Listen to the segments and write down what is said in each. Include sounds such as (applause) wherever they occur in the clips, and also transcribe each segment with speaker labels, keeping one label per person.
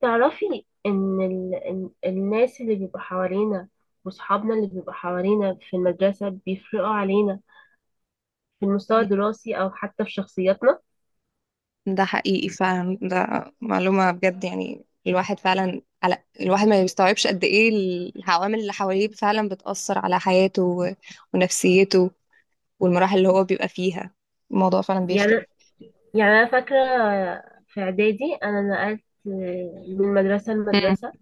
Speaker 1: تعرفي ان الناس اللي بيبقوا حوالينا وصحابنا اللي بيبقوا حوالينا في المدرسة بيفرقوا علينا في المستوى
Speaker 2: مم.
Speaker 1: الدراسي او حتى في شخصياتنا.
Speaker 2: ده حقيقي فعلا. ده معلومة بجد، يعني الواحد فعلا، على الواحد ما بيستوعبش قد ايه العوامل اللي حواليه فعلا بتأثر على حياته ونفسيته، والمراحل اللي هو بيبقى فيها. الموضوع فعلا
Speaker 1: يعني
Speaker 2: بيفرق.
Speaker 1: يعني انا فاكرة في اعدادي انا نقلت من مدرسة
Speaker 2: مم.
Speaker 1: لمدرسة،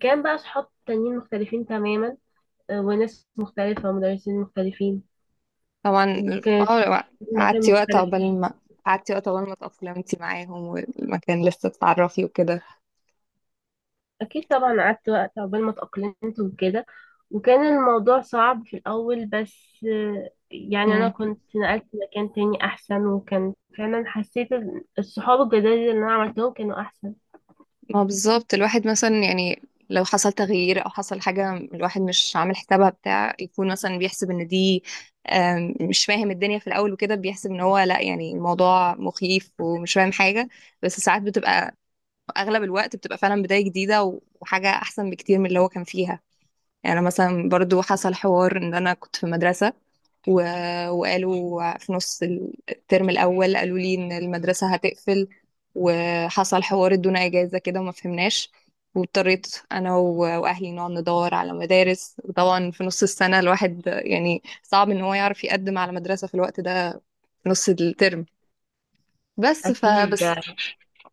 Speaker 1: كان بقى صحاب تانيين مختلفين تماما، وناس مختلفة ومدرسين مختلفين،
Speaker 2: طبعا.
Speaker 1: وكانت
Speaker 2: اه.
Speaker 1: مكان
Speaker 2: قعدتي وقت
Speaker 1: مختلف.
Speaker 2: عقبال ما قعدتي وقت عقبال ما تأقلمتي معاهم والمكان لسه تتعرفي وكده.
Speaker 1: اكيد طبعا قعدت وقت عقبال ما اتأقلمت وكده، وكان الموضوع صعب في الاول، بس يعني انا
Speaker 2: مم.
Speaker 1: كنت نقلت مكان تاني احسن، وكان فعلا حسيت الصحاب الجداد اللي انا عملتهم كانوا احسن.
Speaker 2: ما بالظبط الواحد مثلا، يعني لو حصل تغيير او حصل حاجه، الواحد مش عامل حسابها، بتاع يكون مثلا بيحسب ان دي مش فاهم الدنيا في الاول وكده، بيحسب ان هو لا، يعني الموضوع مخيف ومش فاهم حاجه. بس ساعات بتبقى، اغلب الوقت بتبقى فعلا بدايه جديده و- وحاجه احسن بكتير من اللي هو كان فيها. يعني أنا مثلا برضو حصل حوار ان انا كنت في مدرسه و... وقالوا في نص الترم الأول، قالوا لي إن المدرسة هتقفل، وحصل حوار، ادونا إجازة كده وما فهمناش. واضطريت أنا و... وأهلي نقعد ندور على مدارس. وطبعا في نص السنة الواحد يعني صعب إن هو يعرف يقدم على مدرسة في الوقت ده، في نص الترم. بس
Speaker 1: اكيد،
Speaker 2: فبس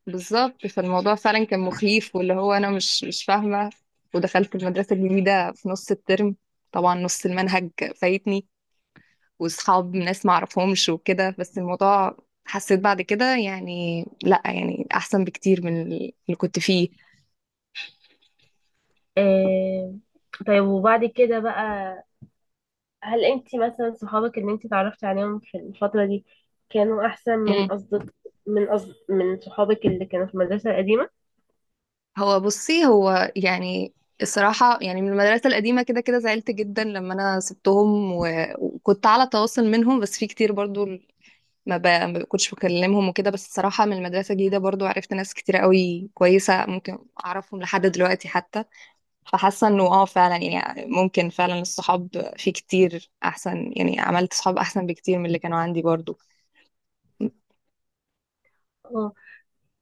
Speaker 2: بالظبط، فالموضوع فعلا كان مخيف، واللي هو أنا مش فاهمة. ودخلت المدرسة الجديدة في نص الترم، طبعا نص المنهج فايتني، وصحاب ناس ما اعرفهمش وكده، بس الموضوع حسيت بعد كده يعني لا، يعني احسن بكتير من اللي كنت فيه.
Speaker 1: آه. طيب وبعد كده بقى، هل انت مثلا صحابك اللي انت اتعرفتي عليهم في الفترة دي كانوا احسن من
Speaker 2: مم.
Speaker 1: من صحابك اللي كانوا في المدرسة القديمة؟
Speaker 2: هو بصي، هو يعني الصراحة، يعني من المدرسة القديمة كده كده زعلت جدا لما أنا سبتهم، و... وكنت على تواصل منهم، بس في كتير برضو ما كنتش بكلمهم وكده. بس الصراحة من المدرسة الجديدة برضو عرفت ناس كتير قوي كويسة، ممكن أعرفهم لحد دلوقتي حتى. فحاسه انه اه فعلا، يعني ممكن فعلا الصحاب في كتير احسن، يعني عملت صحاب احسن بكتير من اللي كانوا عندي برضو.
Speaker 1: اه.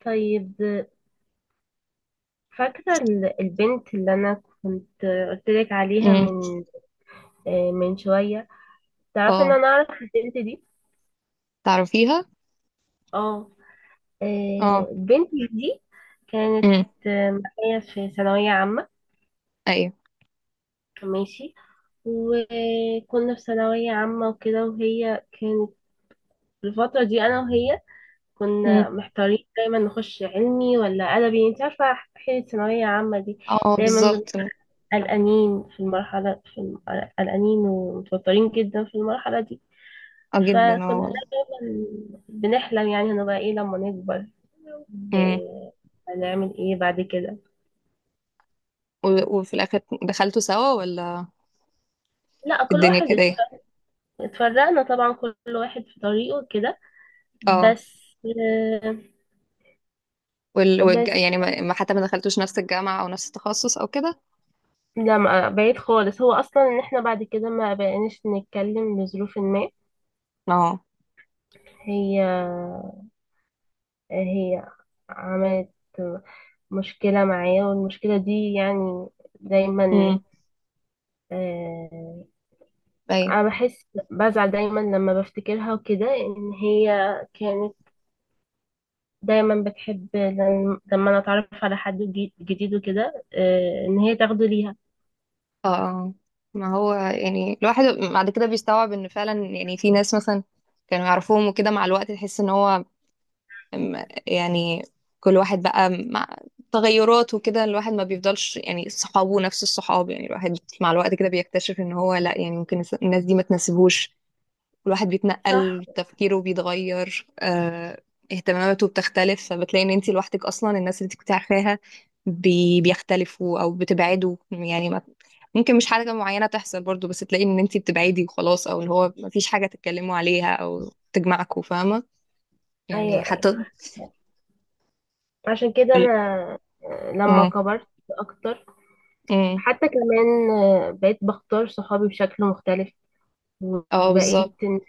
Speaker 1: طيب، فاكرة البنت اللي أنا كنت قلتلك عليها
Speaker 2: امم.
Speaker 1: من من شوية؟ تعرفي إن
Speaker 2: اه.
Speaker 1: أنا أعرف البنت دي.
Speaker 2: تعرفيها.
Speaker 1: اه.
Speaker 2: اه.
Speaker 1: البنت دي كانت
Speaker 2: امم.
Speaker 1: معايا في ثانوية عامة.
Speaker 2: ايوه.
Speaker 1: ماشي. وكنا في ثانوية عامة وكده، وهي كانت في الفترة دي أنا وهي
Speaker 2: امم.
Speaker 1: كنا محتارين دايما نخش علمي ولا أدبي، انت عارفة، حين الثانوية عامة دي
Speaker 2: اه،
Speaker 1: دايما بنبقى
Speaker 2: بالظبط، اه.
Speaker 1: قلقانين في المرحلة قلقانين ومتوترين جدا في المرحلة دي.
Speaker 2: جدا،
Speaker 1: فكنا
Speaker 2: اه.
Speaker 1: دايما بنحلم يعني هنبقى ايه لما نكبر،
Speaker 2: امم.
Speaker 1: وهنعمل ايه بعد كده.
Speaker 2: و- وفي الاخر دخلتوا سوا، ولا
Speaker 1: لا،
Speaker 2: الدنيا كده ايه؟
Speaker 1: اتفرقنا طبعا، كل واحد في طريقه كده
Speaker 2: اه.
Speaker 1: بس. آه، بس
Speaker 2: يعني حتى ما دخلتوش نفس الجامعه، او نفس التخصص، او كده.
Speaker 1: لا بعيد خالص، هو اصلا ان احنا بعد كده ما بقيناش نتكلم لظروف ما.
Speaker 2: اه.
Speaker 1: هي هي عملت مشكلة معايا، والمشكلة دي يعني دايما،
Speaker 2: امم.
Speaker 1: آه،
Speaker 2: ايوه.
Speaker 1: انا بحس بزعل دايما لما بفتكرها وكده، ان هي كانت دايما بتحب لما انا اتعرف على حد جديد وكده ان هي تاخده ليها.
Speaker 2: اه. آه. ما هو يعني الواحد بعد كده بيستوعب ان فعلا، يعني في ناس مثلا كانوا يعرفوهم وكده، مع الوقت تحس ان هو يعني كل واحد بقى مع تغيرات وكده. الواحد ما بيفضلش يعني صحابه نفس الصحاب. يعني الواحد مع الوقت كده بيكتشف ان هو لا، يعني ممكن الناس دي ما تناسبوش، والواحد
Speaker 1: صح،
Speaker 2: بيتنقل، تفكيره بيتغير، اهتماماته بتختلف، فبتلاقي ان انت لوحدك اصلا. الناس اللي انت كنت عارفاها بيختلفوا او بتبعدوا، يعني ما ممكن مش حاجة معينة تحصل برضو، بس تلاقي ان انت بتبعدي وخلاص، او اللي هو ما فيش حاجة تتكلموا عليها او تجمعكوا، فاهمة
Speaker 1: ايوه
Speaker 2: يعني؟
Speaker 1: ايوه.
Speaker 2: حتى
Speaker 1: عشان كده
Speaker 2: ال-
Speaker 1: انا لما
Speaker 2: اه.
Speaker 1: كبرت اكتر،
Speaker 2: أمم.
Speaker 1: حتى كمان بقيت بختار صحابي بشكل مختلف،
Speaker 2: آه، بالظبط.
Speaker 1: وبقيت ان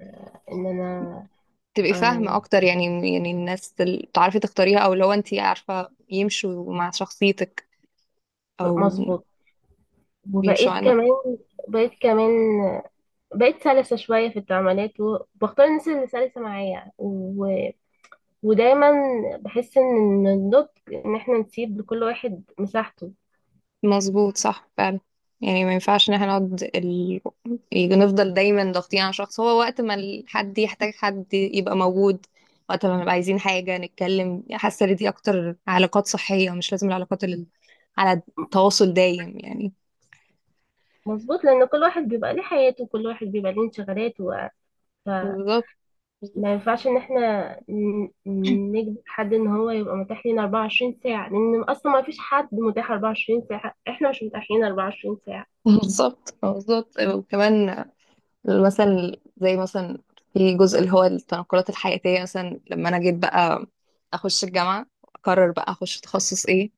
Speaker 1: آه، إن انا
Speaker 2: تبقي فاهمة
Speaker 1: آه،
Speaker 2: أكتر يعني الناس اللي تعرفي تختاريها، أو لو أنت عارفة يمشوا مع شخصيتك، أو
Speaker 1: مظبوط.
Speaker 2: بيمشوا.
Speaker 1: وبقيت كمان بقيت كمان بقيت سلسة شوية في التعاملات، وبختار الناس اللي سلسة معايا ودايما بحس ان النضج ان احنا نسيب لكل واحد مساحته.
Speaker 2: مظبوط، صح فعلا. يعني ما ينفعش ان احنا نقعد نفضل دايما ضاغطين على شخص. هو وقت ما حد يحتاج، حد يبقى موجود. وقت ما نبقى عايزين حاجة نتكلم. حاسة ان دي اكتر علاقات صحية، مش لازم العلاقات اللي على تواصل دايم يعني.
Speaker 1: مظبوط، لان كل واحد بيبقى ليه حياته، وكل واحد بيبقى ليه انشغالاته، فما
Speaker 2: بالظبط
Speaker 1: ينفعش ان احنا نجبر حد ان هو يبقى متاح لينا 24 ساعة، لان اصلا ما فيش حد متاح 24 ساعة، احنا مش متاحين 24 ساعة.
Speaker 2: بالظبط بالظبط. وكمان مثلا، زي مثلا في جزء اللي هو التنقلات الحياتية. مثلا لما انا جيت بقى اخش الجامعة، اقرر بقى اخش تخصص ايه.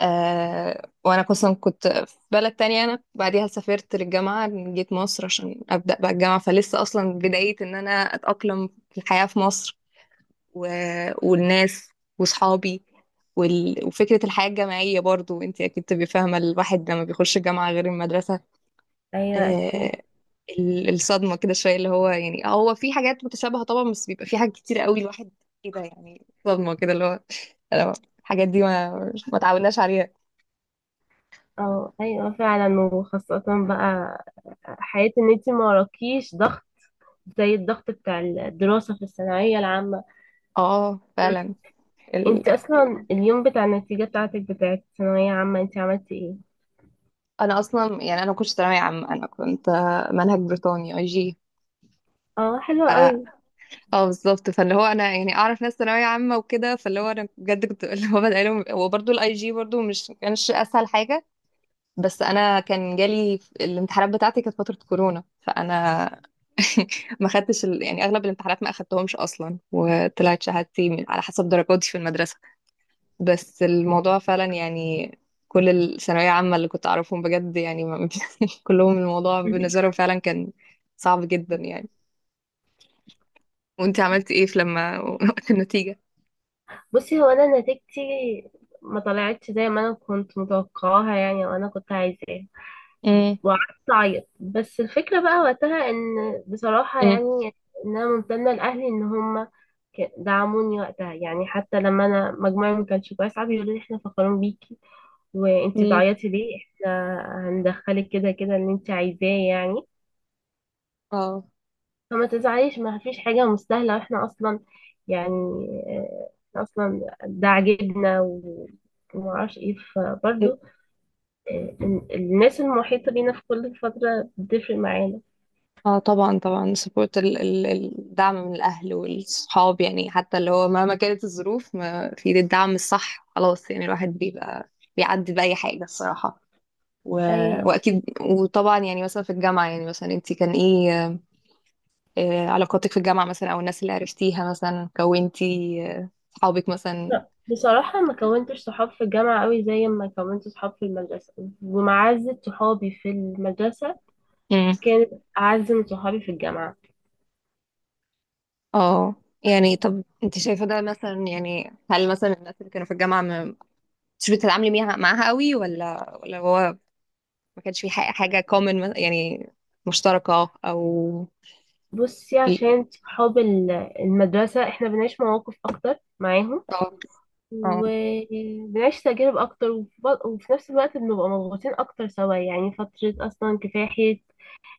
Speaker 2: وانا اصلا كنت في بلد تانية، انا بعديها سافرت للجامعة، جيت مصر عشان ابدا بقى الجامعة. فلسه اصلا بداية ان انا اتاقلم في الحياة في مصر، و... والناس واصحابي، وال... وفكرة الحياة الجامعية برضو. انت اكيد تبقي فاهمة الواحد لما بيخش الجامعة غير المدرسة.
Speaker 1: ايوه اكيد.
Speaker 2: آه الصدمة كده شوية، اللي هو يعني هو في حاجات متشابهة طبعا، بس بيبقى في حاجات كتير قوي الواحد كده، يعني صدمة كده، اللي هو أنا- الحاجات دي ما تعودناش عليها.
Speaker 1: اه ايوه فعلا، وخاصة بقى حياة ان انت ما وراكيش ضغط زي الضغط بتاع الدراسة في الثانوية العامة.
Speaker 2: اه، فعلا. ال...
Speaker 1: انت اصلا اليوم بتاع النتيجة بتاعتك بتاعت الثانوية عامة انت عملتي ايه؟
Speaker 2: انا اصلا، يعني انا ما كنتش ثانويه عامه، انا كنت منهج بريطاني، اي جي.
Speaker 1: اه حلوة
Speaker 2: اه.
Speaker 1: قوي.
Speaker 2: بالظبط، فاللي هو انا يعني اعرف ناس ثانويه عامه وكده، فاللي هو انا بجد كنت (laughs) اللي هو بدأ لهم هو برضه الاي جي، برضه مش كانش اسهل حاجه. بس انا كان جالي الامتحانات بتاعتي، كانت فتره كورونا، فانا (laughs) ما خدتش يعني اغلب الامتحانات ما اخدتهمش اصلا، وطلعت شهادتي على حسب درجاتي في المدرسه. بس الموضوع فعلا يعني، كل الثانوية عامة اللي كنت أعرفهم بجد يعني (laughs) كلهم الموضوع بالنسبة لهم فعلا كان صعب جدا يعني. وانت عملت ايه في لما (laughs) وقت النتيجة؟
Speaker 1: بصي هو انا نتيجتي ما طلعتش زي ما انا كنت متوقعاها يعني، وانا كنت عايزاها،
Speaker 2: امم.
Speaker 1: وقعدت اعيط. بس الفكرة بقى وقتها ان، بصراحة
Speaker 2: امم.
Speaker 1: يعني، ان انا ممتنة لاهلي ان هم دعموني وقتها، يعني حتى لما انا مجموعي ما كانش كويس قعدوا يقولوا لي احنا فخورين بيكي، وانتي
Speaker 2: امم.
Speaker 1: بتعيطي ليه؟ احنا هندخلك كده كده اللي انتي عايزاه يعني،
Speaker 2: اه.
Speaker 1: فما تزعليش، ما فيش حاجة مستاهلة، واحنا اصلا يعني إحنا اصلا ده عاجبنا ومعرفش ايه. فبرضه الناس المحيطة بينا في كل فترة بتفرق معانا.
Speaker 2: اه. طبعا طبعا. سبورت، ال ال الدعم من الأهل والصحاب يعني. حتى اللي هو مهما كانت الظروف، ما في ايد الدعم الصح، خلاص، يعني الواحد بيبقى بيعدي بأي حاجة الصراحة، و...
Speaker 1: ايوه.
Speaker 2: وأكيد. وطبعا يعني مثلا في الجامعة، يعني مثلا انت كان ايه علاقاتك في الجامعة مثلا، أو الناس اللي عرفتيها مثلا، كونتي صحابك مثلا.
Speaker 1: لا، بصراحة ما كونتش صحاب في الجامعة قوي زي ما كونت صحاب في المدرسة، ومعزة صحابي في المدرسة
Speaker 2: مم.
Speaker 1: كانت أعز من صحابي في الجامعة.
Speaker 2: اه. يعني طب انت شايفة ده مثلا؟ يعني هل مثلا الناس اللي كانوا في الجامعة ما، مش بتتعاملي معاها قوي، ولا هو ما كانش في حاجة common يعني، مشتركة، أو…
Speaker 1: بصي، عشان صحاب المدرسة احنا بنعيش مواقف أكتر معاهم،
Speaker 2: اه. اه.
Speaker 1: وبنعيش تجارب أكتر، وفي نفس الوقت بنبقى مضغوطين أكتر سوا، يعني فترة أصلا كفاحية،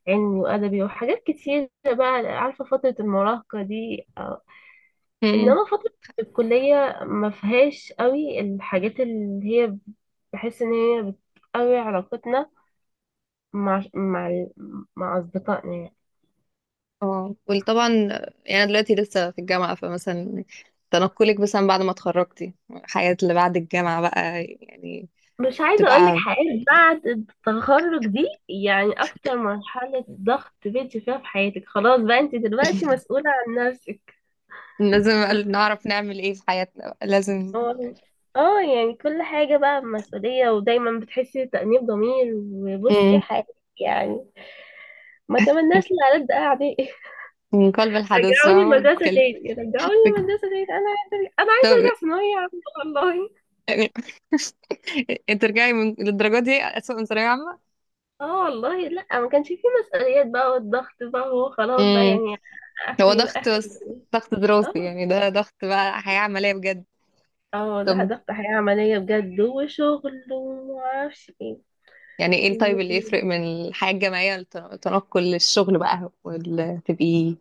Speaker 1: علمي وأدبي وحاجات كتير بقى، عارفة فترة المراهقة دي، آه.
Speaker 2: مم.
Speaker 1: إنما فترة الكلية ما فيهاش قوي الحاجات اللي هي بحس إن هي بتقوي علاقتنا مع مع مع أصدقائنا يعني.
Speaker 2: اه، وطبعا يعني أنا دلوقتي لسه في الجامعة، فمثلا تنقلك مثلا بعد ما اتخرجتي، الحياة اللي بعد الجامعة بقى يعني
Speaker 1: مش عايزة أقولك
Speaker 2: تبقى…
Speaker 1: حاجات، بعد التخرج دي يعني أكتر مرحلة ضغط بنتي فيها في حياتك، خلاص بقى أنت دلوقتي مسؤولة عن نفسك.
Speaker 2: لازم نعرف نعمل ايه في حياتنا بقى. لازم.
Speaker 1: هو- اه يعني كل حاجة بقى مسؤولية، ودايما بتحسي بتأنيب ضمير وبصي
Speaker 2: مم.
Speaker 1: حياتك يعني ما تمناش لألد أعدائي. (laughs)
Speaker 2: من قلب الحدث
Speaker 1: رجعوني
Speaker 2: فاهمة.
Speaker 1: المدرسة تاني، رجعوني
Speaker 2: بت-
Speaker 1: المدرسة تاني، أنا عايزة أرجع، أنا عايزة
Speaker 2: طب-
Speaker 1: أرجع ثانوية عامة والله.
Speaker 2: يعني (laughs) انت ترجعي للدرجة دي أسوأ من ثانوية عامة؟
Speaker 1: اه والله لأ، ما كانش فيه مسؤوليات بقى والضغط بقى وخلاص بقى
Speaker 2: مم.
Speaker 1: يعني
Speaker 2: هو
Speaker 1: آخري بقى
Speaker 2: ضغط،
Speaker 1: آخر.
Speaker 2: بس ضغط دراسي،
Speaker 1: اه.
Speaker 2: يعني ده ضغط بقى حياة عملية بجد.
Speaker 1: اه لا،
Speaker 2: طب
Speaker 1: ضغط حياة عملية بجد وشغل ومعرفش ايه.
Speaker 2: يعني ايه
Speaker 1: و-
Speaker 2: الطيب اللي يفرق من الحياة الجامعية للتنقل للشغل بقى، تبقي…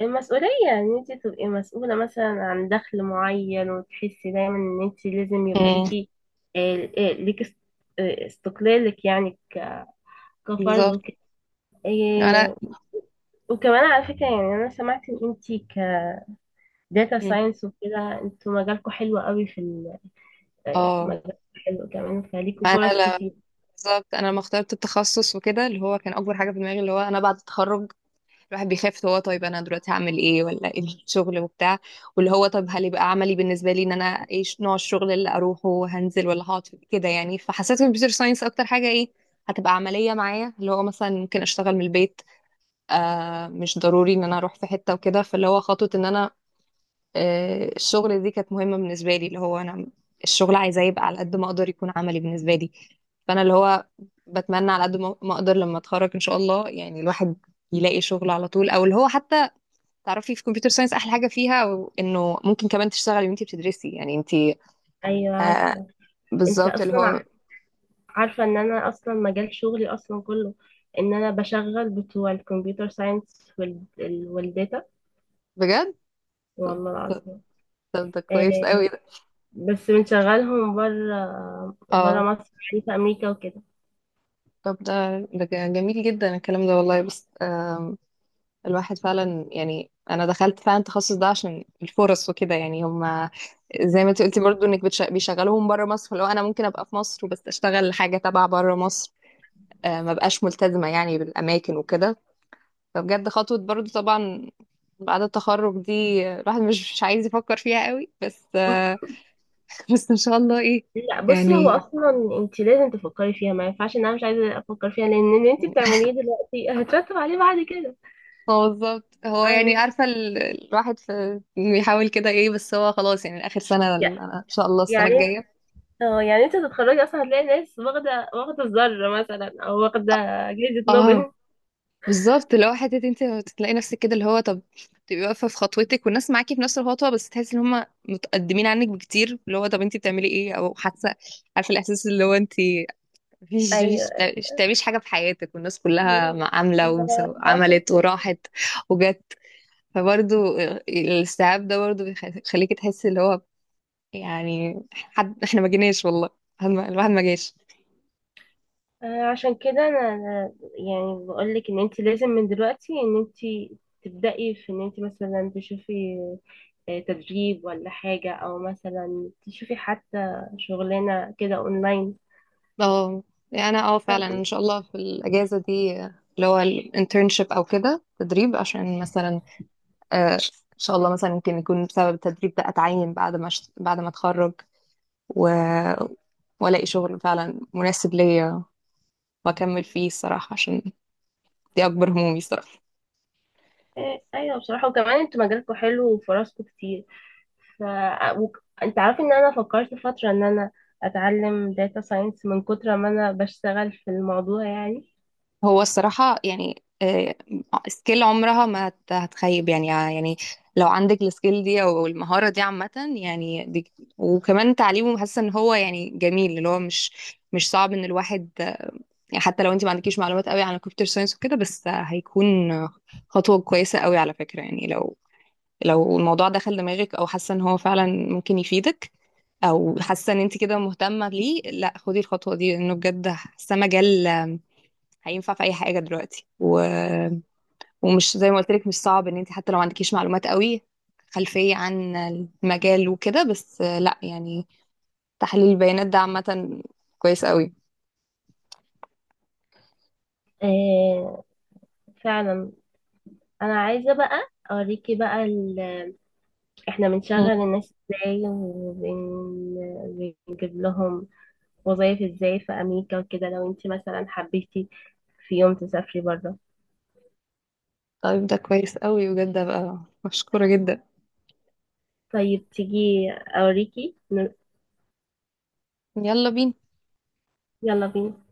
Speaker 1: المسؤولية ان انت تبقي مسؤولة مثلا عن دخل معين، وتحسي دايما ان انت لازم يبقى
Speaker 2: مم.
Speaker 1: ليكي آه، آه، ليكي است- استقلالك يعني كفرد
Speaker 2: بالظبط.
Speaker 1: وكده.
Speaker 2: انا.
Speaker 1: آه، وكمان على فكرة يعني انا سمعت ان انت كداتا
Speaker 2: مم.
Speaker 1: ساينس وكده، انتوا مجالكوا حلو قوي في
Speaker 2: اه.
Speaker 1: مجالكوا حلو كمان، فليكوا
Speaker 2: انا
Speaker 1: فرص
Speaker 2: لا.
Speaker 1: كتير.
Speaker 2: بالظبط، انا لما اخترت التخصص وكده، اللي هو كان اكبر حاجة في دماغي اللي هو انا بعد التخرج الواحد بيخاف، هو طيب انا دلوقتي هعمل ايه، ولا ايه الشغل وبتاع؟ واللي هو طب هل يبقى عملي بالنسبه لي ان انا ايه نوع الشغل اللي اروحه، هنزل ولا هقعد كده يعني. فحسيت الكمبيوتر ساينس اكتر حاجه ايه هتبقى عمليه معايا، اللي هو مثلا ممكن اشتغل من البيت، مش ضروري ان انا اروح في حته وكده. فاللي هو خطوه ان انا الشغل دي كانت مهمه بالنسبه لي، اللي هو انا الشغل عايزاه يبقى على قد ما اقدر يكون عملي بالنسبه لي. فانا اللي هو بتمنى على قد ما اقدر لما اتخرج ان شاء الله، يعني الواحد يلاقي شغل على طول، او اللي هو حتى تعرفي في كمبيوتر ساينس احلى حاجه فيها انه ممكن كمان تشتغلي وانتي بتدرسي يعني انتي…
Speaker 1: ايوه
Speaker 2: آه،
Speaker 1: عارفة. انت
Speaker 2: بالظبط اللي
Speaker 1: اصلا
Speaker 2: هو
Speaker 1: عارفة ان انا اصلا مجال شغلي اصلا كله ان انا بشغل بتوع الكمبيوتر ساينس والداتا،
Speaker 2: بجد. طب
Speaker 1: والله
Speaker 2: طب
Speaker 1: العظيم.
Speaker 2: طب، ده كويس
Speaker 1: آه،
Speaker 2: قوي ده.
Speaker 1: بس بنشغلهم بره، بره
Speaker 2: اه.
Speaker 1: مصر يعني، في امريكا وكده.
Speaker 2: طب ده جميل جدا الكلام ده والله. بس الواحد فعلا يعني انا دخلت فعلا التخصص ده عشان الفرص وكده. يعني هم زي ما انت قلتي برضو انك بيشغلوهم بره مصر، فلو انا ممكن ابقى في مصر وبس اشتغل حاجه تبع بره مصر، ما بقاش ملتزمه يعني بالاماكن وكده. فبجد خطوة برضو طبعا بعد التخرج دي، الواحد مش عايز يفكر فيها قوي، بس (laughs) بس ان شاء الله ايه.
Speaker 1: لا بصي، هو
Speaker 2: يعني
Speaker 1: اصلا انت لازم تفكري فيها، ما ينفعش ان انا مش عايزه افكر فيها، لان اللي انت بتعمليه دلوقتي (laughs) هترتب عليه بعد كده،
Speaker 2: هو بالظبط، هو يعني
Speaker 1: فاهمة؟
Speaker 2: عارفة الواحد في بيحاول كده ايه، بس هو خلاص يعني اخر سنة
Speaker 1: يع-
Speaker 2: انا ان شاء الله السنة
Speaker 1: يعني
Speaker 2: الجاية.
Speaker 1: اه يعني انت تتخرجي اصلا هتلاقي ناس واخده، واخده الذره مثلا، او واخده جائزه
Speaker 2: اه،
Speaker 1: نوبل.
Speaker 2: بالظبط اللي هو حتة انت تلاقي نفسك كده، اللي هو طب تبقي واقفة في خطوتك والناس معاكي في نفس الخطوة، بس تحسي ان هم متقدمين عنك بكتير، اللي هو طب انت بتعملي ايه، او حاسة، عارفة الاحساس اللي هو انت مفيش
Speaker 1: ايوه.
Speaker 2: مش تعمليش حاجة في حياتك والناس كلها عاملة
Speaker 1: لا،
Speaker 2: وعملت
Speaker 1: أفكر.
Speaker 2: وراحت وجت. فبرضو الاستيعاب ده برضو بيخليكي تحسي اللي هو يعني، حد احنا ما جيناش والله، حد الواحد ما جاش.
Speaker 1: عشان كده انا يعني بقول لك ان انت لازم من دلوقتي ان انت تبدأي في ان انت مثلا تشوفي تدريب ولا حاجة، او مثلا تشوفي حتى شغلانة كده اونلاين.
Speaker 2: اه. يعني انا فعلا
Speaker 1: آه،
Speaker 2: ان شاء الله في الاجازة دي اللي هو الانترنشيب او كده تدريب، عشان مثلا آه، ان شاء الله مثلا يمكن يكون بسبب التدريب ده اتعين بعد ما بعد ما اتخرج، و- والاقي شغل فعلا مناسب ليا واكمل فيه الصراحة، عشان دي اكبر همومي الصراحه.
Speaker 1: ايوه بصراحة، وكمان انتوا مجالكم حلو وفرصكم كتير. ف انت عارف ان انا فكرت فترة ان انا اتعلم داتا ساينس من كتر ما انا بشتغل في الموضوع يعني.
Speaker 2: هو الصراحه يعني، سكيل عمرها ما هتخيب يعني، يعني لو عندك السكيل دي او المهاره دي عامه، يعني دي. وكمان تعليمه، حاسه ان هو يعني جميل، اللي هو مش صعب ان الواحد يعني حتى لو انت ما عندكيش معلومات قوي عن الكمبيوتر ساينس وكده، بس هيكون خطوه كويسه قوي على فكره. يعني لو الموضوع دخل دماغك، او حاسه ان هو فعلا ممكن يفيدك، او حاسه ان انت كده مهتمه ليه، لا خدي الخطوه دي، لانه بجد حاسه مجال هينفع في اي حاجه دلوقتي، و... ومش زي ما قلت لك مش صعب ان انت حتى لو ما عندكيش معلومات قوي، خلفيه عن المجال وكده، بس لا يعني تحليل البيانات ده عامه كويس قوي.
Speaker 1: آه، فعلا. انا عايزه بقى اوريكي بقى احنا بنشغل
Speaker 2: مم.
Speaker 1: الناس ازاي وبنجيب لهم وظايف ازاي في امريكا وكده، لو انت مثلا حبيتي في يوم تسافري بره.
Speaker 2: طيب، ده كويس قوي بجد بقى، مشكوره جدا.
Speaker 1: طيب تيجي اوريكي.
Speaker 2: يلا بينا.
Speaker 1: يلا بينا.